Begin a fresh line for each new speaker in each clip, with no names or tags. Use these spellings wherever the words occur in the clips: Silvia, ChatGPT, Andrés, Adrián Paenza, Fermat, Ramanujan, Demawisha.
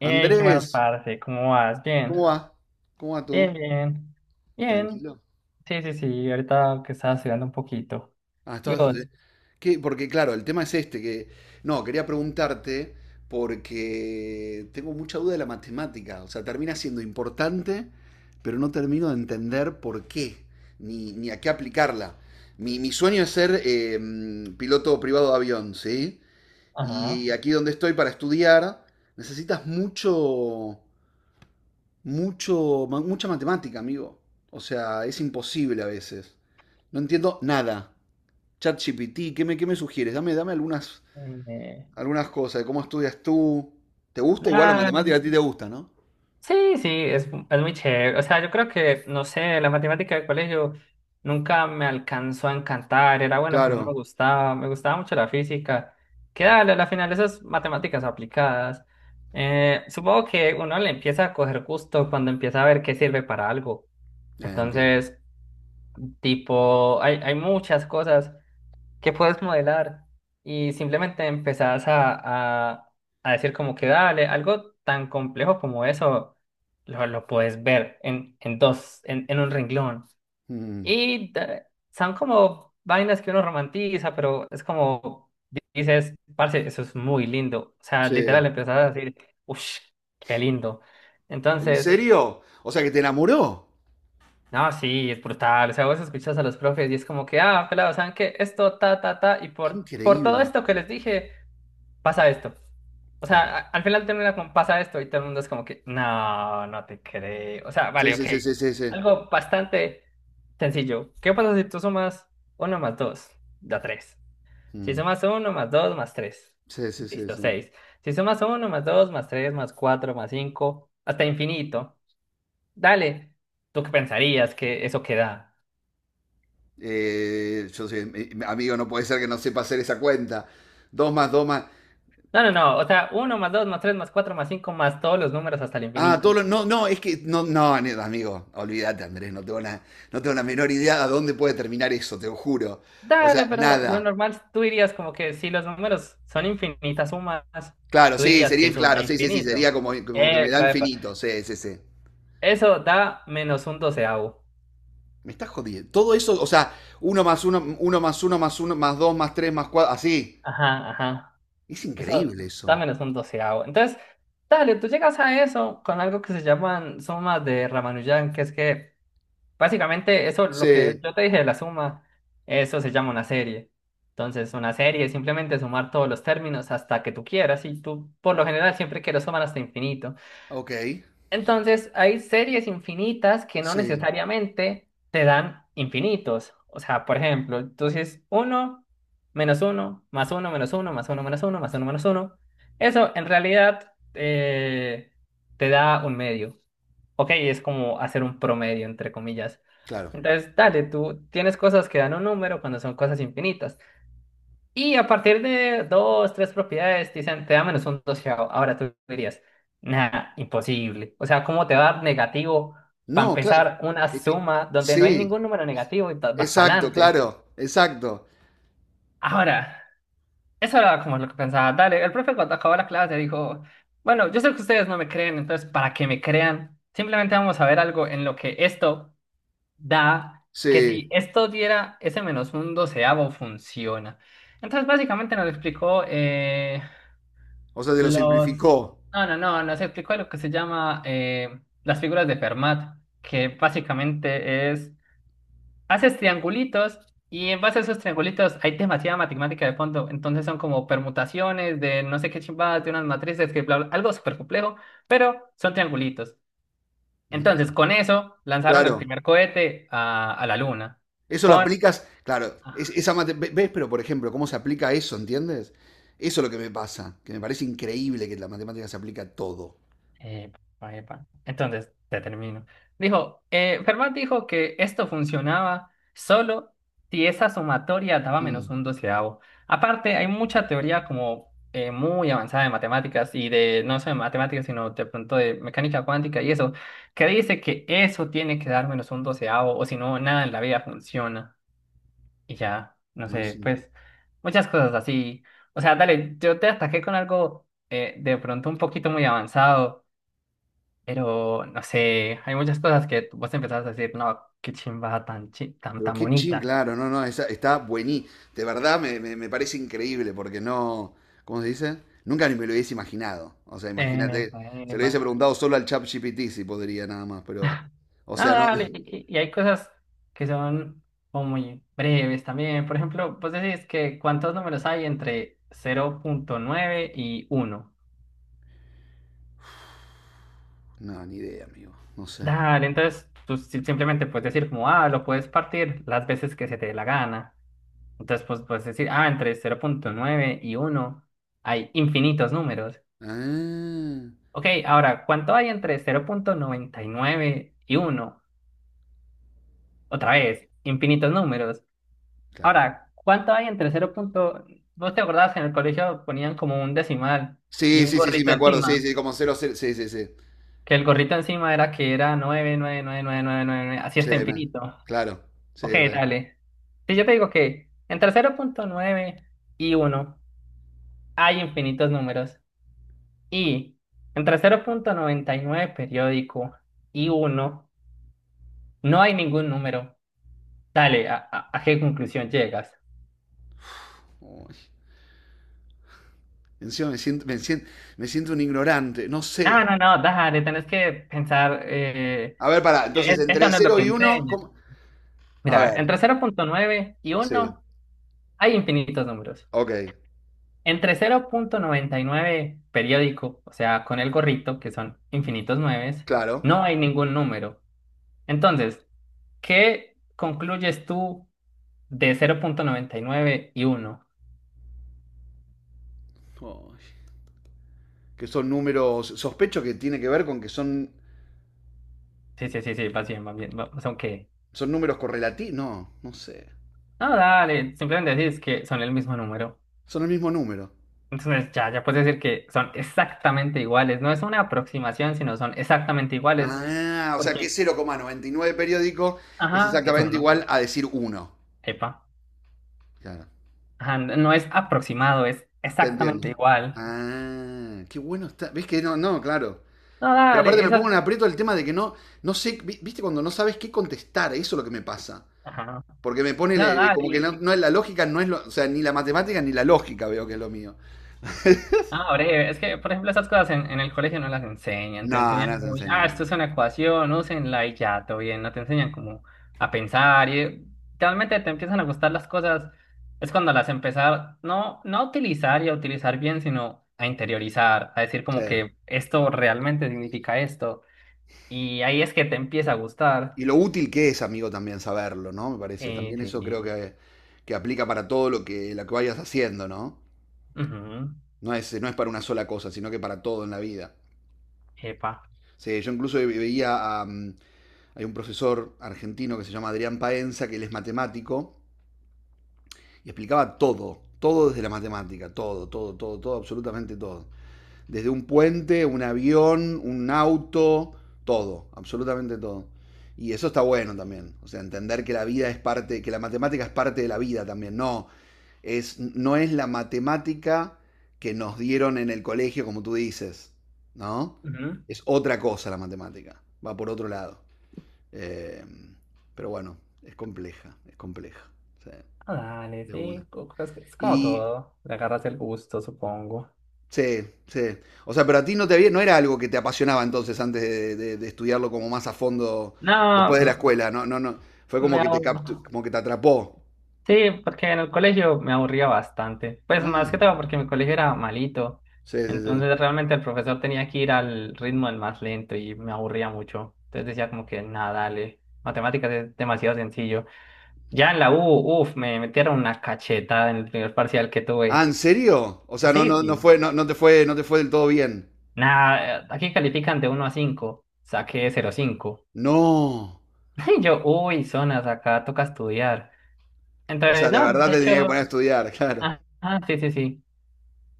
Hey, Gemma,
Andrés,
parce, ¿cómo vas? Bien,
¿cómo va? ¿Cómo va
bien,
tú?
bien, bien.
¿Tranquilo?
Sí, sí, sí, ahorita que estaba estudiando un poquito.
Ah,
¿Y
estabas...
vos?
¿qué? Porque claro, el tema es este, que... No, quería preguntarte porque tengo mucha duda de la matemática. O sea, termina siendo importante, pero no termino de entender por qué, ni a qué aplicarla. Mi sueño es ser piloto privado de avión, ¿sí? Y
Ajá.
aquí donde estoy para estudiar, necesitas mucho... Mucho, mucha matemática, amigo. O sea, es imposible a veces. No entiendo nada. ChatGPT, ¿ qué me sugieres? Dame algunas,
Eh,
algunas cosas de cómo estudias tú. ¿Te gusta? Igual la
ah,
matemática a ti te gusta, ¿no?
sí, sí, es muy chévere. O sea, yo creo que, no sé, la matemática del colegio nunca me alcanzó a encantar. Era bueno, pero no me
Claro.
gustaba. Me gustaba mucho la física. Que dale, a la final esas matemáticas aplicadas. Supongo que uno le empieza a coger gusto cuando empieza a ver qué sirve para algo.
Entiendo.
Entonces. Tipo, hay muchas cosas que puedes modelar y simplemente empezás a decir como que dale, algo tan complejo como eso lo puedes ver en dos, en un renglón.
Mm,
Y son como vainas que uno romantiza, pero es como dices, parce, eso es muy lindo. O sea,
sí.
literal empezás a decir, uff, qué lindo.
¿En
Entonces.
serio? O sea, que te enamoró.
No, sí, es brutal. O sea, vos escuchas a los profes y es como que, ah, pelado, ¿saben qué? Esto, ta, ta, ta, y
Qué
por todo
increíble.
esto que les dije, pasa esto. O
Claro.
sea, al final termina con pasa esto y todo el mundo es como que, no, no te creo. O sea,
Sí,
vale,
sí,
ok.
sí, sí, sí, sí.
Algo bastante sencillo. ¿Qué pasa si tú sumas uno más dos? Da tres. Si
Mm,
sumas uno más 2 más tres.
sí, sí, sí,
Listo,
sí.
seis. Si sumas uno más 2 más 3 más 4 más 5 hasta infinito. Dale, ¿tú qué pensarías que eso queda?
Yo soy, amigo, no puede ser que no sepa hacer esa cuenta. Dos más dos más.
No, no, no, o sea, uno más 2 más 3 más 4 más 5 más todos los números hasta el
Ah,
infinito.
todo lo- No, no, es que. No, no, ne- amigo, olvídate, Andrés, no tengo la, no tengo la menor idea a dónde puede terminar eso, te lo juro. O sea,
Dale, pero lo
nada.
normal, tú dirías como que si los números son infinitas sumas,
Claro,
tú
sí,
dirías que
sería,
eso da
claro, sí, sí, sí,
infinito.
sería como, como que me da
Epa, epa.
infinito, sí, sí, sí.
Eso da menos un doceavo.
Me estás jodiendo. Todo eso, o sea, uno más uno más uno más dos más tres más cuatro, así.
Ajá, ajá.
Es
Eso
increíble
da
eso.
menos un doceavo. Entonces, dale, tú llegas a eso con algo que se llaman sumas de Ramanujan, que es que, básicamente, eso, lo que
Sí,
yo te dije de la suma, eso se llama una serie. Entonces, una serie es simplemente sumar todos los términos hasta que tú quieras y tú, por lo general, siempre quieres sumar hasta infinito.
ok,
Entonces, hay series infinitas que no
sí,
necesariamente te dan infinitos. O sea, por ejemplo, entonces uno menos uno más uno menos uno más uno menos uno más uno menos uno. Eso en realidad te da un medio. Ok, es como hacer un promedio, entre comillas.
claro.
Entonces, dale, tú tienes cosas que dan un número cuando son cosas infinitas. Y a partir de dos, tres propiedades, dicen, te da menos un doceavo. Ahora tú dirías, nada, imposible. O sea, ¿cómo te va a dar negativo para
No, claro,
empezar una
es que.
suma donde no hay
Sí,
ningún número negativo y vas para
exacto,
adelante?
claro, exacto.
Ahora, eso era como lo que pensaba. Dale, el profe cuando acabó la clase dijo, bueno, yo sé que ustedes no me creen, entonces para que me crean, simplemente vamos a ver algo en lo que esto da, que si
Sí,
esto diera ese menos un doceavo, funciona. Entonces, básicamente nos explicó.
o sea, te lo
Los.
simplificó.
No, no, no, nos explicó lo que se llama las figuras de Fermat, que básicamente es, haces triangulitos y en base a esos triangulitos hay demasiada matemática de fondo, entonces son como permutaciones de no sé qué chimbadas, de unas matrices, que bla, bla, algo súper complejo, pero son triangulitos.
Mirá.
Entonces, con eso lanzaron el
Claro,
primer cohete a la luna,
eso lo
con...
aplicas, claro, es- esa mate- ve- ¿ves? Pero por ejemplo, ¿cómo se aplica eso, entiendes? Eso es lo que me pasa, que me parece increíble que la matemática se aplica a todo.
Epa, epa. Entonces, te termino. Dijo, Fermat dijo que esto funcionaba solo si esa sumatoria daba
Mm,
menos un doceavo. Aparte, hay mucha teoría como muy avanzada de matemáticas y de, no solo de matemáticas, sino de pronto de mecánica cuántica y eso, que dice que eso tiene que dar menos un doceavo o si no, nada en la vida funciona. Y ya, no
no es
sé,
incre-
pues muchas cosas así. O sea, dale, yo te ataqué con algo de pronto un poquito muy avanzado. Pero, no sé, hay muchas cosas que vos empezás a decir, no, qué chimba
Pero
tan
qué ching,
bonita.
claro, no, no, esa- está buenísimo. De verdad me, me- me parece increíble porque no, ¿cómo se dice? Nunca ni me lo hubiese imaginado. O sea,
Epa,
imagínate, se lo
epa.
hubiese preguntado solo al ChatGPT si podría nada más, pero, o
No,
sea, no,
dale, y hay cosas que son como muy breves también. Por ejemplo, vos decís que cuántos números hay entre 0.9 y uno.
no, ni idea, amigo, no sé.
Dale, entonces tú simplemente puedes decir como, ah, lo puedes partir las veces que se te dé la gana. Entonces, pues puedes decir, ah, entre 0.9 y uno hay infinitos números.
Ah,
Ok, ahora, ¿cuánto hay entre cero punto noventa y nueve y uno? Otra vez, infinitos números.
claro.
Ahora, ¿cuánto hay entre cero punto- ¿vos te acordás que en el colegio ponían como un decimal y
Sí,
un
sí, sí, sí, me
gorrito
acuerdo. Sí,
encima?
sí, como cero cero, sí, sí, sí.
Que el gorrito encima era que era nueve nueve nueve nueve nueve nueve nueve así
Sí,
hasta
me-
infinito.
claro.
Ok,
Sí, re.
dale. Si yo te digo que entre cero punto nueve y uno hay infinitos números y entre cero punto noventa y nueve periódico y uno no hay ningún número. Dale, a qué conclusión llegas?
Uy, encima me siento, me siento, me siento un ignorante, no
No,
sé.
no, no, dale, tenés que pensar,
A ver, pará, entonces
esto
entre
no es lo
cero
que
y uno
enseñan.
¿cómo? A
Mira,
ver,
entre cero punto nueve y
sí,
uno hay infinitos números.
ok,
Entre cero punto noventa y nueve periódico, o sea, con el gorrito, que son infinitos nueves,
claro.
no hay ningún número. Entonces, ¿qué concluyes tú de cero punto noventa y nueve y uno?
Uy, que son números, sospecho que tiene que ver con que son,
Sí, sí, sí, sí, vas bien, vas bien.
son números correlativos. No, no sé.
No, dale, simplemente decís que son el mismo número.
Son el mismo número.
Entonces ya puedes decir que son exactamente iguales. No es una aproximación, sino son exactamente iguales.
Ah, o sea que
Porque,
cero coma noventa y nueve periódico es
ajá, es
exactamente
uno.
igual a decir 1.
Epa. Ajá, no es aproximado, es
Te entiendo.
exactamente igual.
Ah, qué bueno está. ¿Ves que no, no, claro.
No,
Pero aparte
dale,
me
eso.
pongo en aprieto el tema de que no, no sé, vi- viste cuando no sabes qué contestar, eso es lo que me pasa.
Ajá.
Porque me pone
No,
le- como que
dale.
no, no es la lógica, no es lo, o sea, ni la matemática ni la lógica veo que es lo mío.
Ah, breve. Es que, por ejemplo, esas cosas en el colegio no las enseñan. Te
No,
enseñan
no se
muy,
enseña.
ah,
No.
esto es una ecuación, úsenla y ya, todo bien. No te enseñan como a pensar y realmente te empiezan a gustar las cosas. Es cuando las empezar, no, no a utilizar y a utilizar bien, sino a interiorizar, a decir
Sí.
como que esto realmente significa esto. Y ahí es que te empieza a gustar.
Y lo útil que es, amigo, también saberlo, ¿no? Me parece.
Sí,
También eso
sí.
creo que aplica para todo lo que vayas haciendo, ¿no?
Ujú.
No es para una sola cosa, sino que para todo en la vida.
Epa.
Sí, yo incluso veía a, hay un profesor argentino que se llama Adrián Paenza, que él es matemático, y explicaba todo, todo desde la matemática, todo, todo, todo, todo, absolutamente todo. Desde un puente, un avión, un auto, todo, absolutamente todo. Y eso está bueno también, o sea, entender que la vida es parte, que la matemática es parte de la vida también, no, es, no es la matemática que nos dieron en el colegio, como tú dices, ¿no?
Ujú.
Es otra cosa la matemática, va por otro lado. Eh, pero bueno, es compleja, es compleja. Sí,
Ah, dale,
de
sí.
una.
Es como
Y
todo. Le agarras el gusto, supongo.
sí, sí. O sea, pero a ti no te había, no era algo que te apasionaba entonces antes de estudiarlo como más a fondo después de la
No,
escuela. No, no, no. Fue
me
como que te captu-
abur-
como que te atrapó.
sí, porque en el colegio me aburría bastante. Pues
Ah,
más que todo porque mi colegio era malito.
sí, sí, sí.
Entonces realmente el profesor tenía que ir al ritmo del más lento y me aburría mucho. Entonces decía como que nada, dale. Matemáticas es demasiado sencillo. Ya en la U, uff, me metieron una cachetada en el primer parcial que
Ah,
tuve.
¿en serio? O sea, no,
Sí,
no, no
sí.
fue, no, no te fue, no te fue del todo bien.
Nada, aquí califican de 1 a cinco. Saqué 0,5.
No.
Y yo, uy, zonas, acá toca estudiar.
O sea,
Entonces,
de
no,
verdad
de
te tenía que
hecho.
poner a estudiar, claro.
Ah, ah, sí, sí, sí.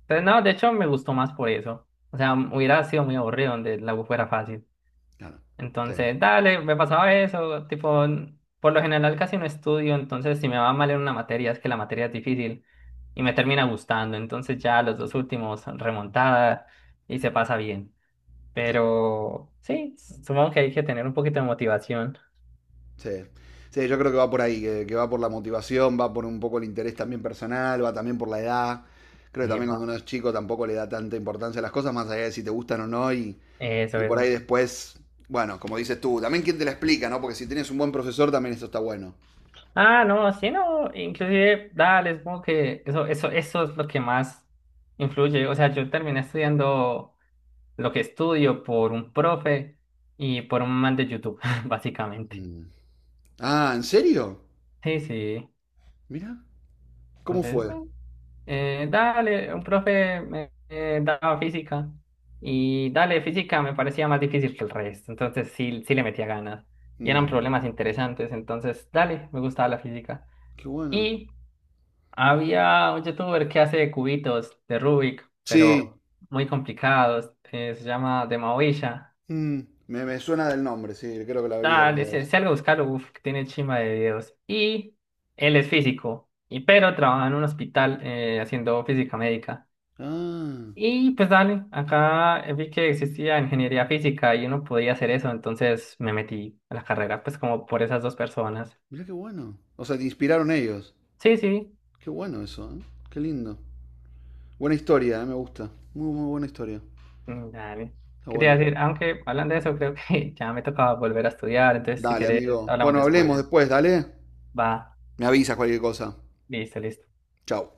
Entonces, no, de hecho me gustó más por eso. O sea, hubiera sido muy aburrido donde la U fuera fácil.
Claro. Sí,
Entonces, dale, me pasaba eso. Tipo, por lo general casi no estudio, entonces si me va mal en una materia es que la materia es difícil y me termina gustando. Entonces ya los dos últimos remontada y se pasa bien.
claro.
Pero sí, supongo que hay que tener un poquito de motivación.
Sí. Sí, yo creo que va por ahí, que va por la motivación, va por un poco el interés también personal, va también por la edad. Creo que también
Epa,
cuando uno es chico tampoco le da tanta importancia a las cosas, más allá de si te gustan o no,
eso,
y por ahí
eso.
después, bueno, como dices tú, también quién te la explica, ¿no? Porque si tienes un buen profesor, también eso está bueno.
Ah, no, sí, no, inclusive, dale, supongo que eso es lo que más influye. O sea, yo terminé estudiando lo que estudio por un profe y por un man de YouTube, básicamente.
Mm. Ah, ¿en serio?
Sí, sí.
Mira, ¿cómo
Entonces,
fue?
bueno, dale, un profe me daba física y dale, física me parecía más difícil que el resto, entonces sí, sí le metía ganas y eran
Mm,
problemas interesantes, entonces dale, me gustaba la física.
qué bueno.
Y había un youtuber que hace cubitos de Rubik,
Sí,
pero muy complicados. Se llama Demawisha.
mm, me, me suena del nombre, sí, creo que la vi
Dale,
alguna
si,
vez.
si algo buscarlo, uf, que tiene chimba de videos. Y él es físico, y pero trabaja en un hospital haciendo física médica.
Ah,
Y pues dale, acá vi que existía ingeniería física y uno podía hacer eso, entonces me metí a la carrera, pues como por esas dos personas.
mira qué bueno. O sea, te inspiraron ellos.
Sí, sí.
Qué bueno eso, ¿eh? Qué lindo. Buena historia, ¿eh? Me gusta. Muy, muy buena historia.
Mm, dale.
Está
¿Qué te iba a
bueno.
decir, aunque hablando de eso, creo que ya me tocaba volver a estudiar, entonces si
Dale,
querés,
amigo.
hablamos
Bueno, hablemos
después?
después, dale.
Va,
Me avisas cualquier cosa.
listo, listo.
Chao.